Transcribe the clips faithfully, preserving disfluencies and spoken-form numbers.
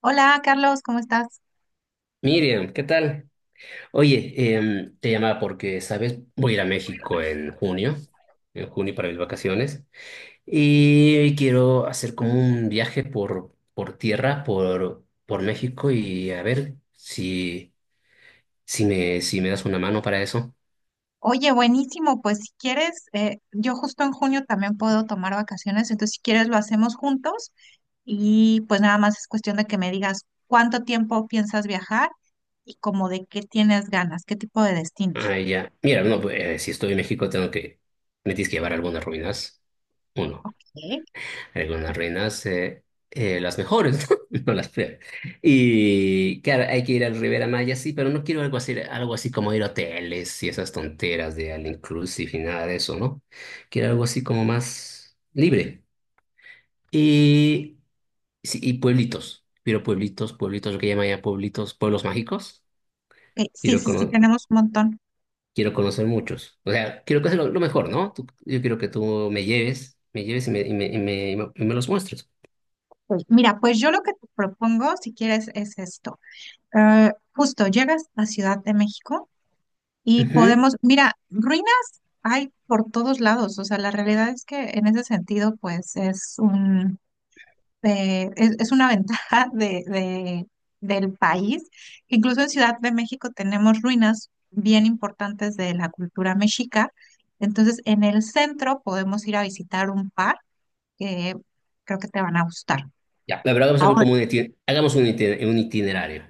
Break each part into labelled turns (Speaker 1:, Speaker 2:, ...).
Speaker 1: Hola Carlos, ¿cómo estás?
Speaker 2: Miriam, ¿qué tal? Oye, em, te llamaba porque, ¿sabes? Voy a ir a México en junio, en junio para mis vacaciones, y quiero hacer como un viaje por, por tierra, por, por México, y a ver si, si me, si me das una mano para eso.
Speaker 1: Oye, buenísimo, pues si quieres, eh, yo justo en junio también puedo tomar vacaciones, entonces si quieres lo hacemos juntos y pues nada más es cuestión de que me digas cuánto tiempo piensas viajar y como de qué tienes ganas, qué tipo de destinos.
Speaker 2: Ah, ya. Mira, no, pues, eh, si estoy en México tengo que, me tienes que llevar algunas ruinas.
Speaker 1: Ok.
Speaker 2: Algunas reinas, eh, eh, las mejores, ¿no? No las peores. Y claro, hay que ir al Rivera Maya, sí, pero no quiero algo así, algo así como ir a hoteles y esas tonteras de all inclusive y nada de eso, ¿no? Quiero algo así como más libre. Y, sí, y pueblitos. Quiero pueblitos, pueblitos, lo que llaman ya pueblitos, pueblos mágicos.
Speaker 1: Ok, sí,
Speaker 2: Quiero,
Speaker 1: sí, sí,
Speaker 2: cono-
Speaker 1: tenemos un montón.
Speaker 2: Quiero conocer muchos. O sea, quiero conocer lo, lo mejor, ¿no? Tú- yo quiero que tú me lleves, me lleves y me, y me, y me, y me los muestres.
Speaker 1: Pues mira, pues yo lo que te propongo, si quieres, es esto. Eh, justo llegas a Ciudad de México y
Speaker 2: Ujú.
Speaker 1: podemos, mira, ruinas hay por todos lados, o sea, la realidad es que en ese sentido, pues es un, eh, es, es una ventaja de, de- del país. Incluso en Ciudad de México tenemos ruinas bien importantes de la cultura mexica. Entonces, en el centro podemos ir a visitar un par que creo que te van a gustar.
Speaker 2: Ya, pero vamos a ver como un itiner- hagamos un, itiner- un itinerario.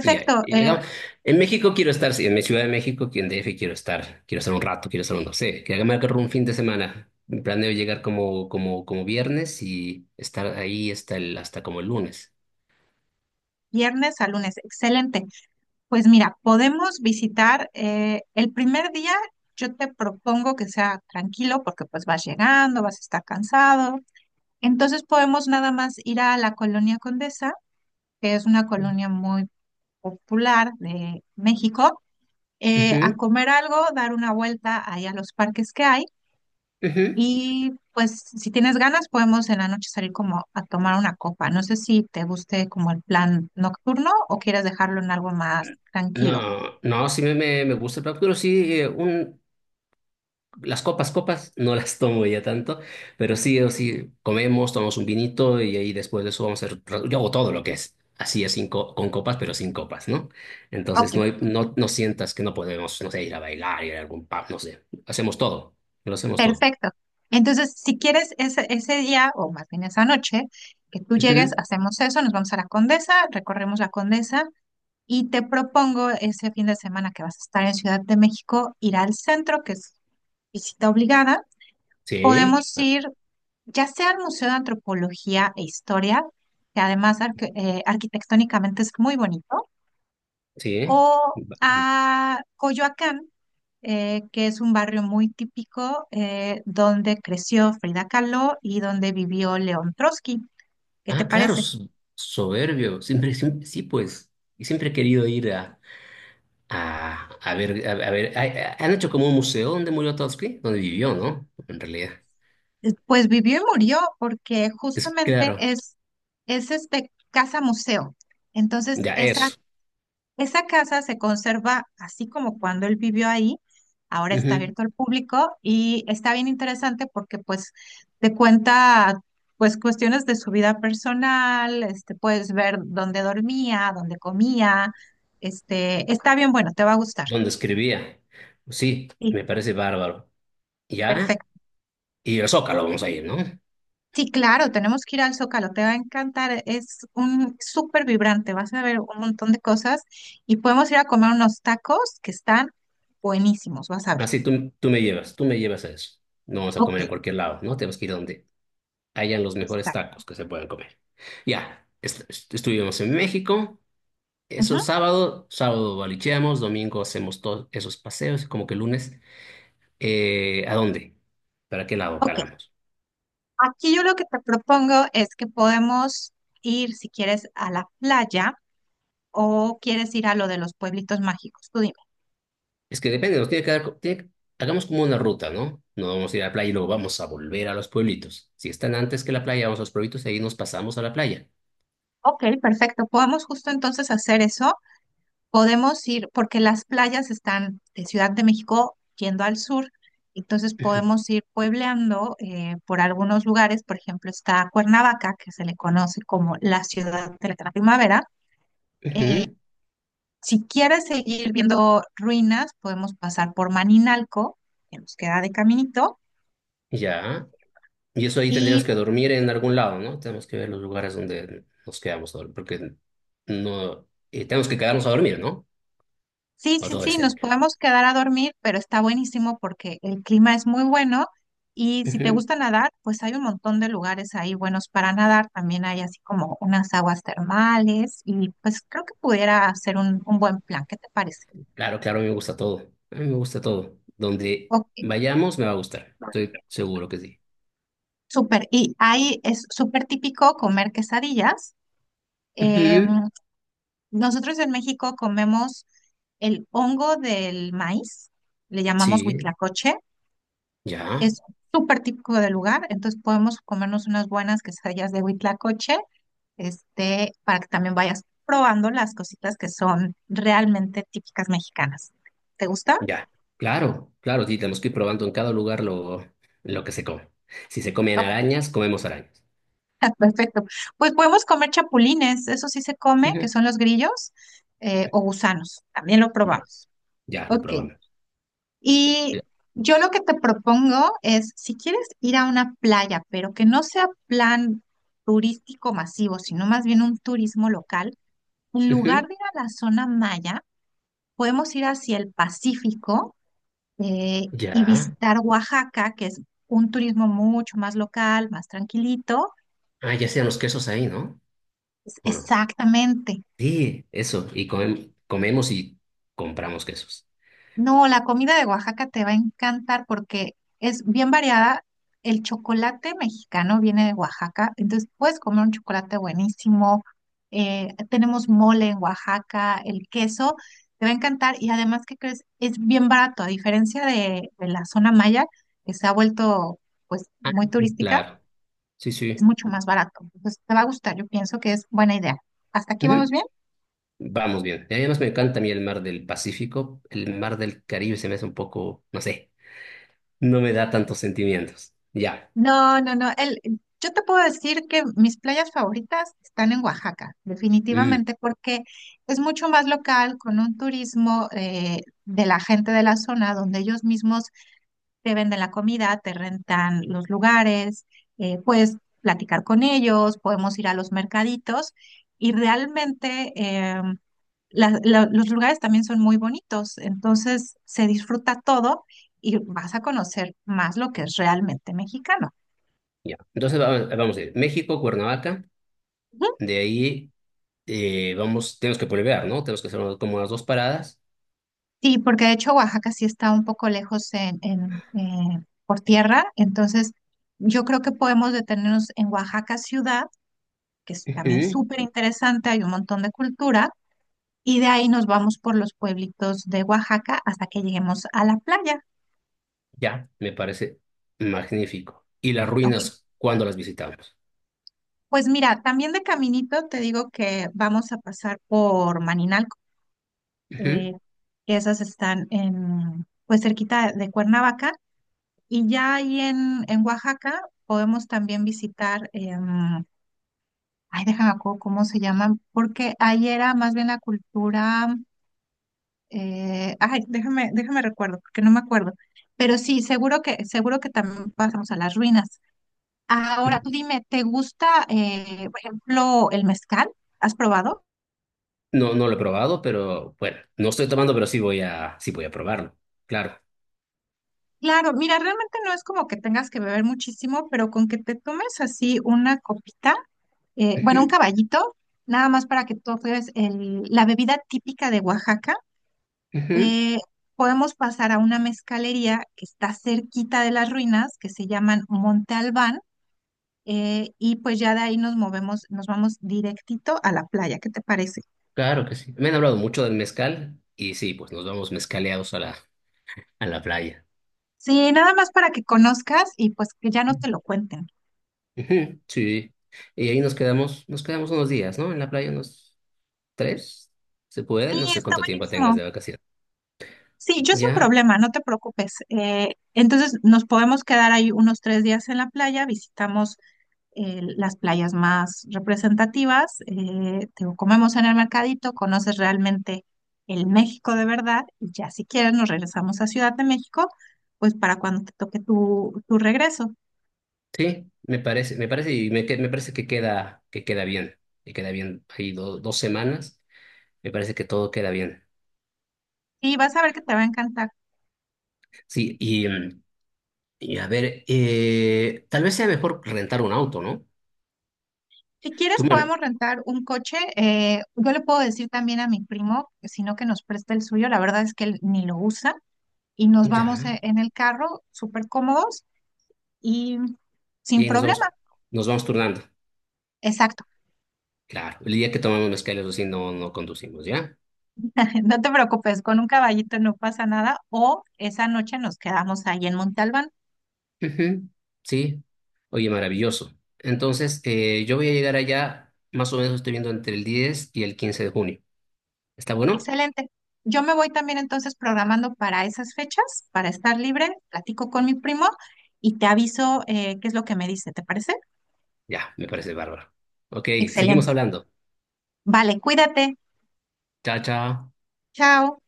Speaker 2: Y ya, y
Speaker 1: eh,
Speaker 2: hagamos- en México quiero estar, sí, en mi Ciudad de México, aquí en D F quiero estar, quiero estar un rato, quiero estar un, no sé, que hagamos un fin de semana. Planeo llegar como, como, como viernes y estar ahí hasta, el, hasta como el lunes.
Speaker 1: viernes a lunes, excelente. Pues mira, podemos visitar eh, el primer día, yo te propongo que sea tranquilo porque pues vas llegando, vas a estar cansado. Entonces podemos nada más ir a la Colonia Condesa, que es una colonia muy popular de México, eh, a
Speaker 2: Ujú,
Speaker 1: comer algo, dar una vuelta ahí a los parques que hay
Speaker 2: ujú.
Speaker 1: y pues si tienes ganas podemos en la noche salir como a tomar una copa. No sé si te guste como el plan nocturno o quieres dejarlo en algo más tranquilo.
Speaker 2: No, no, sí me, me, me gusta el plan, pero sí, eh, un, Las copas, copas, no las tomo ya tanto, pero sí o sí comemos, tomamos un vinito y ahí después de eso vamos a hacer, yo hago todo lo que es, así es sin co- con copas, pero sin copas, ¿no?
Speaker 1: Ok,
Speaker 2: Entonces no, hay- no, no sientas que no podemos, no sé, ir a bailar, ir a algún pub, no sé, hacemos todo, lo hacemos todo.
Speaker 1: perfecto. Entonces, si quieres ese, ese día, o más bien esa noche, que tú llegues,
Speaker 2: Ujú.
Speaker 1: hacemos eso, nos vamos a la Condesa, recorremos la Condesa y te propongo ese fin de semana que vas a estar en Ciudad de México, ir al centro, que es visita obligada.
Speaker 2: Sí,
Speaker 1: Podemos
Speaker 2: ah,
Speaker 1: ir ya sea al Museo de Antropología e Historia, que además arque- eh, arquitectónicamente es muy bonito, o
Speaker 2: sí.
Speaker 1: a Coyoacán, eh, que es un barrio muy típico eh, donde creció Frida Kahlo y donde vivió León Trotsky. ¿Qué te
Speaker 2: Ah, claro,
Speaker 1: parece?
Speaker 2: so- soberbio, siempre, siempre- sí, pues, y siempre he querido ir a, a, a ver, a, a ver, a- a- han hecho como un museo donde murió Trotsky, donde vivió, ¿no? En realidad.
Speaker 1: Eh, Pues vivió y murió porque
Speaker 2: Es
Speaker 1: justamente
Speaker 2: claro,
Speaker 1: es, es este casa museo. Entonces,
Speaker 2: ya
Speaker 1: esa
Speaker 2: eso.
Speaker 1: esa casa se conserva así como cuando él vivió ahí, ahora está
Speaker 2: Ujú.
Speaker 1: abierto al público y está bien interesante porque pues te cuenta pues cuestiones de su vida personal, este, puedes ver dónde dormía, dónde comía, este, está bien bueno, te va a gustar.
Speaker 2: Donde escribía. Pues sí,
Speaker 1: Sí,
Speaker 2: me parece bárbaro. Ya,
Speaker 1: perfecto.
Speaker 2: y el Zócalo vamos a ir, ¿no?
Speaker 1: Sí, claro, tenemos que ir al Zócalo, te va a encantar, es un súper vibrante, vas a ver un montón de cosas y podemos ir a comer unos tacos que están buenísimos, vas a ver.
Speaker 2: Así tú, tú me llevas, tú me llevas a eso. No vamos a
Speaker 1: Ok,
Speaker 2: comer en cualquier lado, ¿no? Tenemos que ir donde hayan los mejores
Speaker 1: exacto.
Speaker 2: tacos que se puedan comer. Ya, est- est- estuvimos en México. Eso
Speaker 1: Ujú,
Speaker 2: es sábado. Sábado balicheamos, domingo hacemos todos esos paseos, como que lunes. Eh, ¿a dónde? ¿Para qué lado
Speaker 1: ok,
Speaker 2: jalamos?
Speaker 1: aquí yo lo que te propongo es que podemos ir, si quieres, a la playa o quieres ir a lo de los pueblitos mágicos. Tú dime.
Speaker 2: Es que depende, nos tiene que dar, tiene que- hagamos como una ruta, ¿no? No vamos a ir a la playa y luego vamos a volver a los pueblitos. Si están antes que la playa, vamos a los pueblitos y ahí nos pasamos a la playa.
Speaker 1: Ok, perfecto. Podemos justo entonces hacer eso. Podemos ir, porque las playas están de Ciudad de México yendo al sur, entonces
Speaker 2: Ujú,
Speaker 1: podemos ir puebleando eh, por algunos lugares. Por ejemplo, está Cuernavaca, que se le conoce como la ciudad de la primavera. eh,
Speaker 2: ujú.
Speaker 1: Si quieres seguir viendo ruinas, podemos pasar por Maninalco, que nos queda de caminito.
Speaker 2: Ya. Y eso ahí tendríamos
Speaker 1: Y
Speaker 2: que dormir en algún lado, ¿no? Tenemos que ver los lugares donde nos quedamos a dormir, porque no, eh, tenemos que quedarnos a dormir, ¿no?
Speaker 1: sí,
Speaker 2: O
Speaker 1: sí,
Speaker 2: todo de
Speaker 1: sí, nos
Speaker 2: cerca.
Speaker 1: podemos quedar a dormir, pero está buenísimo porque el clima es muy bueno. Y si te
Speaker 2: Ujú.
Speaker 1: gusta nadar, pues hay un montón de lugares ahí buenos para nadar. También hay así como unas aguas termales y pues creo que pudiera ser un, un buen plan. ¿Qué te parece?
Speaker 2: Claro, claro, me gusta todo. A mí me gusta todo. Donde
Speaker 1: Ok,
Speaker 2: vayamos me va a gustar. Estoy seguro que sí.
Speaker 1: súper. Y ahí es súper típico comer quesadillas.
Speaker 2: Ujú.
Speaker 1: em, Nosotros en México comemos el hongo del maíz, le llamamos
Speaker 2: Sí,
Speaker 1: huitlacoche,
Speaker 2: ya.
Speaker 1: es súper típico del lugar, entonces podemos comernos unas buenas quesadillas de huitlacoche, este, para que también vayas probando las cositas que son realmente típicas mexicanas. ¿Te gusta?
Speaker 2: Ya, claro, claro, sí, tenemos que ir probando en cada lugar lo, lo que se come. Si se comen
Speaker 1: Ok,
Speaker 2: arañas, comemos arañas.
Speaker 1: perfecto. Pues podemos comer chapulines, eso sí se come, que
Speaker 2: Ujú.
Speaker 1: son los grillos, eh, o gusanos, también lo
Speaker 2: Ya,
Speaker 1: probamos.
Speaker 2: ya, lo
Speaker 1: Ok,
Speaker 2: probamos.
Speaker 1: y
Speaker 2: Ya.
Speaker 1: yo lo que te propongo es, si quieres ir a una playa, pero que no sea plan turístico masivo, sino más bien un turismo local, en
Speaker 2: Ujú.
Speaker 1: lugar de ir a la zona maya, podemos ir hacia el Pacífico eh, y
Speaker 2: Ya.
Speaker 1: visitar Oaxaca, que es un turismo mucho más local, más tranquilito.
Speaker 2: Ah, ya sean los quesos ahí, ¿no?
Speaker 1: Es-
Speaker 2: ¿O no?
Speaker 1: Exactamente.
Speaker 2: Sí, eso, y comem- comemos y compramos quesos.
Speaker 1: No, la comida de Oaxaca te va a encantar porque es bien variada. El chocolate mexicano viene de Oaxaca, entonces puedes comer un chocolate buenísimo. Eh, tenemos mole en Oaxaca, el queso, te va a encantar y además, ¿qué crees? Es bien barato, a diferencia de, de la zona maya, que se ha vuelto pues
Speaker 2: Ah,
Speaker 1: muy turística,
Speaker 2: claro, sí,
Speaker 1: es
Speaker 2: sí.
Speaker 1: mucho más barato. Entonces te va a gustar, yo pienso que es buena idea. ¿Hasta aquí vamos
Speaker 2: Ujú.
Speaker 1: bien?
Speaker 2: Vamos bien. Y además me encanta a mí el mar del Pacífico, el mar del Caribe se me hace un poco, no sé, no me da tantos sentimientos. Ya.
Speaker 1: No, no, no. El, yo te puedo decir que mis playas favoritas están en Oaxaca,
Speaker 2: Mm.
Speaker 1: definitivamente, porque es mucho más local, con un turismo eh, de la gente de la zona, donde ellos mismos te venden la comida, te rentan los lugares, eh, puedes platicar con ellos, podemos ir a los mercaditos y realmente em, la- la- los lugares también son muy bonitos, entonces se disfruta todo y vas a conocer más lo que es realmente mexicano.
Speaker 2: Ya. Entonces vamos, vamos a ir México, Cuernavaca, de ahí eh, vamos, tenemos que volver, ¿no? Tenemos que hacer unas- como unas dos paradas.
Speaker 1: Sí, porque de hecho Oaxaca sí está un poco lejos en, en, eh, por tierra, entonces yo creo que podemos detenernos en Oaxaca ciudad, que es también
Speaker 2: Ujú.
Speaker 1: súper interesante, hay un montón de cultura, y de ahí nos vamos por los pueblitos de Oaxaca hasta que lleguemos a la playa.
Speaker 2: Ya, me parece magnífico. ¿Y las
Speaker 1: Ok,
Speaker 2: ruinas, cuándo las visitamos?
Speaker 1: pues mira, también de caminito te digo que vamos a pasar por Maninalco,
Speaker 2: Ujú.
Speaker 1: eh, que esas están en, pues cerquita de Cuernavaca. Y ya ahí en, en Oaxaca podemos también visitar, em, ay, déjame acuerdo cómo se llaman, porque ahí era más bien la cultura, eh, ay, déjame, déjame recuerdo, porque no me acuerdo. Pero sí, seguro que, seguro que también pasamos a las ruinas. Ahora, tú dime, ¿te gusta, eh, por ejemplo, el mezcal?
Speaker 2: No, no lo he probado, pero bueno, no estoy tomando, pero sí voy a, sí voy a probarlo. Claro.
Speaker 1: Claro, mira, realmente no es como que tengas que beber muchísimo, pero con que te tomes así una copita. Eh, bueno, un
Speaker 2: Ujú,
Speaker 1: caballito, nada más para que tú veas el- la bebida típica de Oaxaca.
Speaker 2: ujú.
Speaker 1: Eh, Podemos pasar a una mezcalería que está cerquita de las ruinas, que se llaman Monte Albán, eh, y pues ya de ahí nos movemos, nos vamos directito a la playa, ¿qué te parece?
Speaker 2: Claro que sí. Me han hablado mucho del mezcal y sí, pues nos vamos mezcaleados a la, a la playa.
Speaker 1: Sí, nada más para que conozcas y pues que ya no te lo cuenten.
Speaker 2: Ujú. Sí. Y ahí nos quedamos, nos quedamos unos días, ¿no? En la playa nos... ¿Tres? ¿Se puede?
Speaker 1: Sí,
Speaker 2: No sé
Speaker 1: está
Speaker 2: cuánto tiempo tengas
Speaker 1: buenísimo.
Speaker 2: de vacaciones.
Speaker 1: Sí, yo sin
Speaker 2: Ya,
Speaker 1: problema, no te preocupes. Eh, entonces nos podemos quedar ahí unos tres días en la playa, visitamos eh, las playas más representativas, eh, te lo comemos en el mercadito, conoces realmente el México de verdad y ya si quieres nos regresamos a Ciudad de México, pues para cuando te toque tu, tu regreso.
Speaker 2: sí, me parece, me parece, y me, que- me parece que queda, que queda bien, que queda bien. Hay do- dos semanas, me parece que todo queda bien.
Speaker 1: Y vas a ver que te va a encantar.
Speaker 2: Sí, y, mm, y a ver, eh, tal vez sea mejor rentar un auto, ¿no?
Speaker 1: Si quieres
Speaker 2: Tú mane-
Speaker 1: podemos rentar un coche, eh, yo le puedo decir también a mi primo, si no que nos preste el suyo, la verdad es que él ni lo usa y nos
Speaker 2: ya,
Speaker 1: vamos e- en el carro súper cómodos y
Speaker 2: y
Speaker 1: sin
Speaker 2: ahí nos
Speaker 1: problema.
Speaker 2: vamos, nos vamos turnando.
Speaker 1: Exacto.
Speaker 2: Claro, el día que tomamos mezcal, eso sí, no, no conducimos, ¿ya?
Speaker 1: No te preocupes, con un caballito no pasa nada o esa noche nos quedamos ahí en Montalbán.
Speaker 2: Ujú. Sí, oye, maravilloso. Entonces, eh, yo voy a llegar allá, más o menos estoy viendo entre el diez y el quince de junio. ¿Está bueno?
Speaker 1: Excelente. Yo me voy también entonces programando para esas fechas, para estar libre, platico con mi primo y te aviso eh, qué es lo que me dice, ¿te parece?
Speaker 2: Ya, me parece bárbaro. Ok, seguimos
Speaker 1: Excelente.
Speaker 2: hablando.
Speaker 1: Vale, cuídate.
Speaker 2: Chao, chao.
Speaker 1: Chao.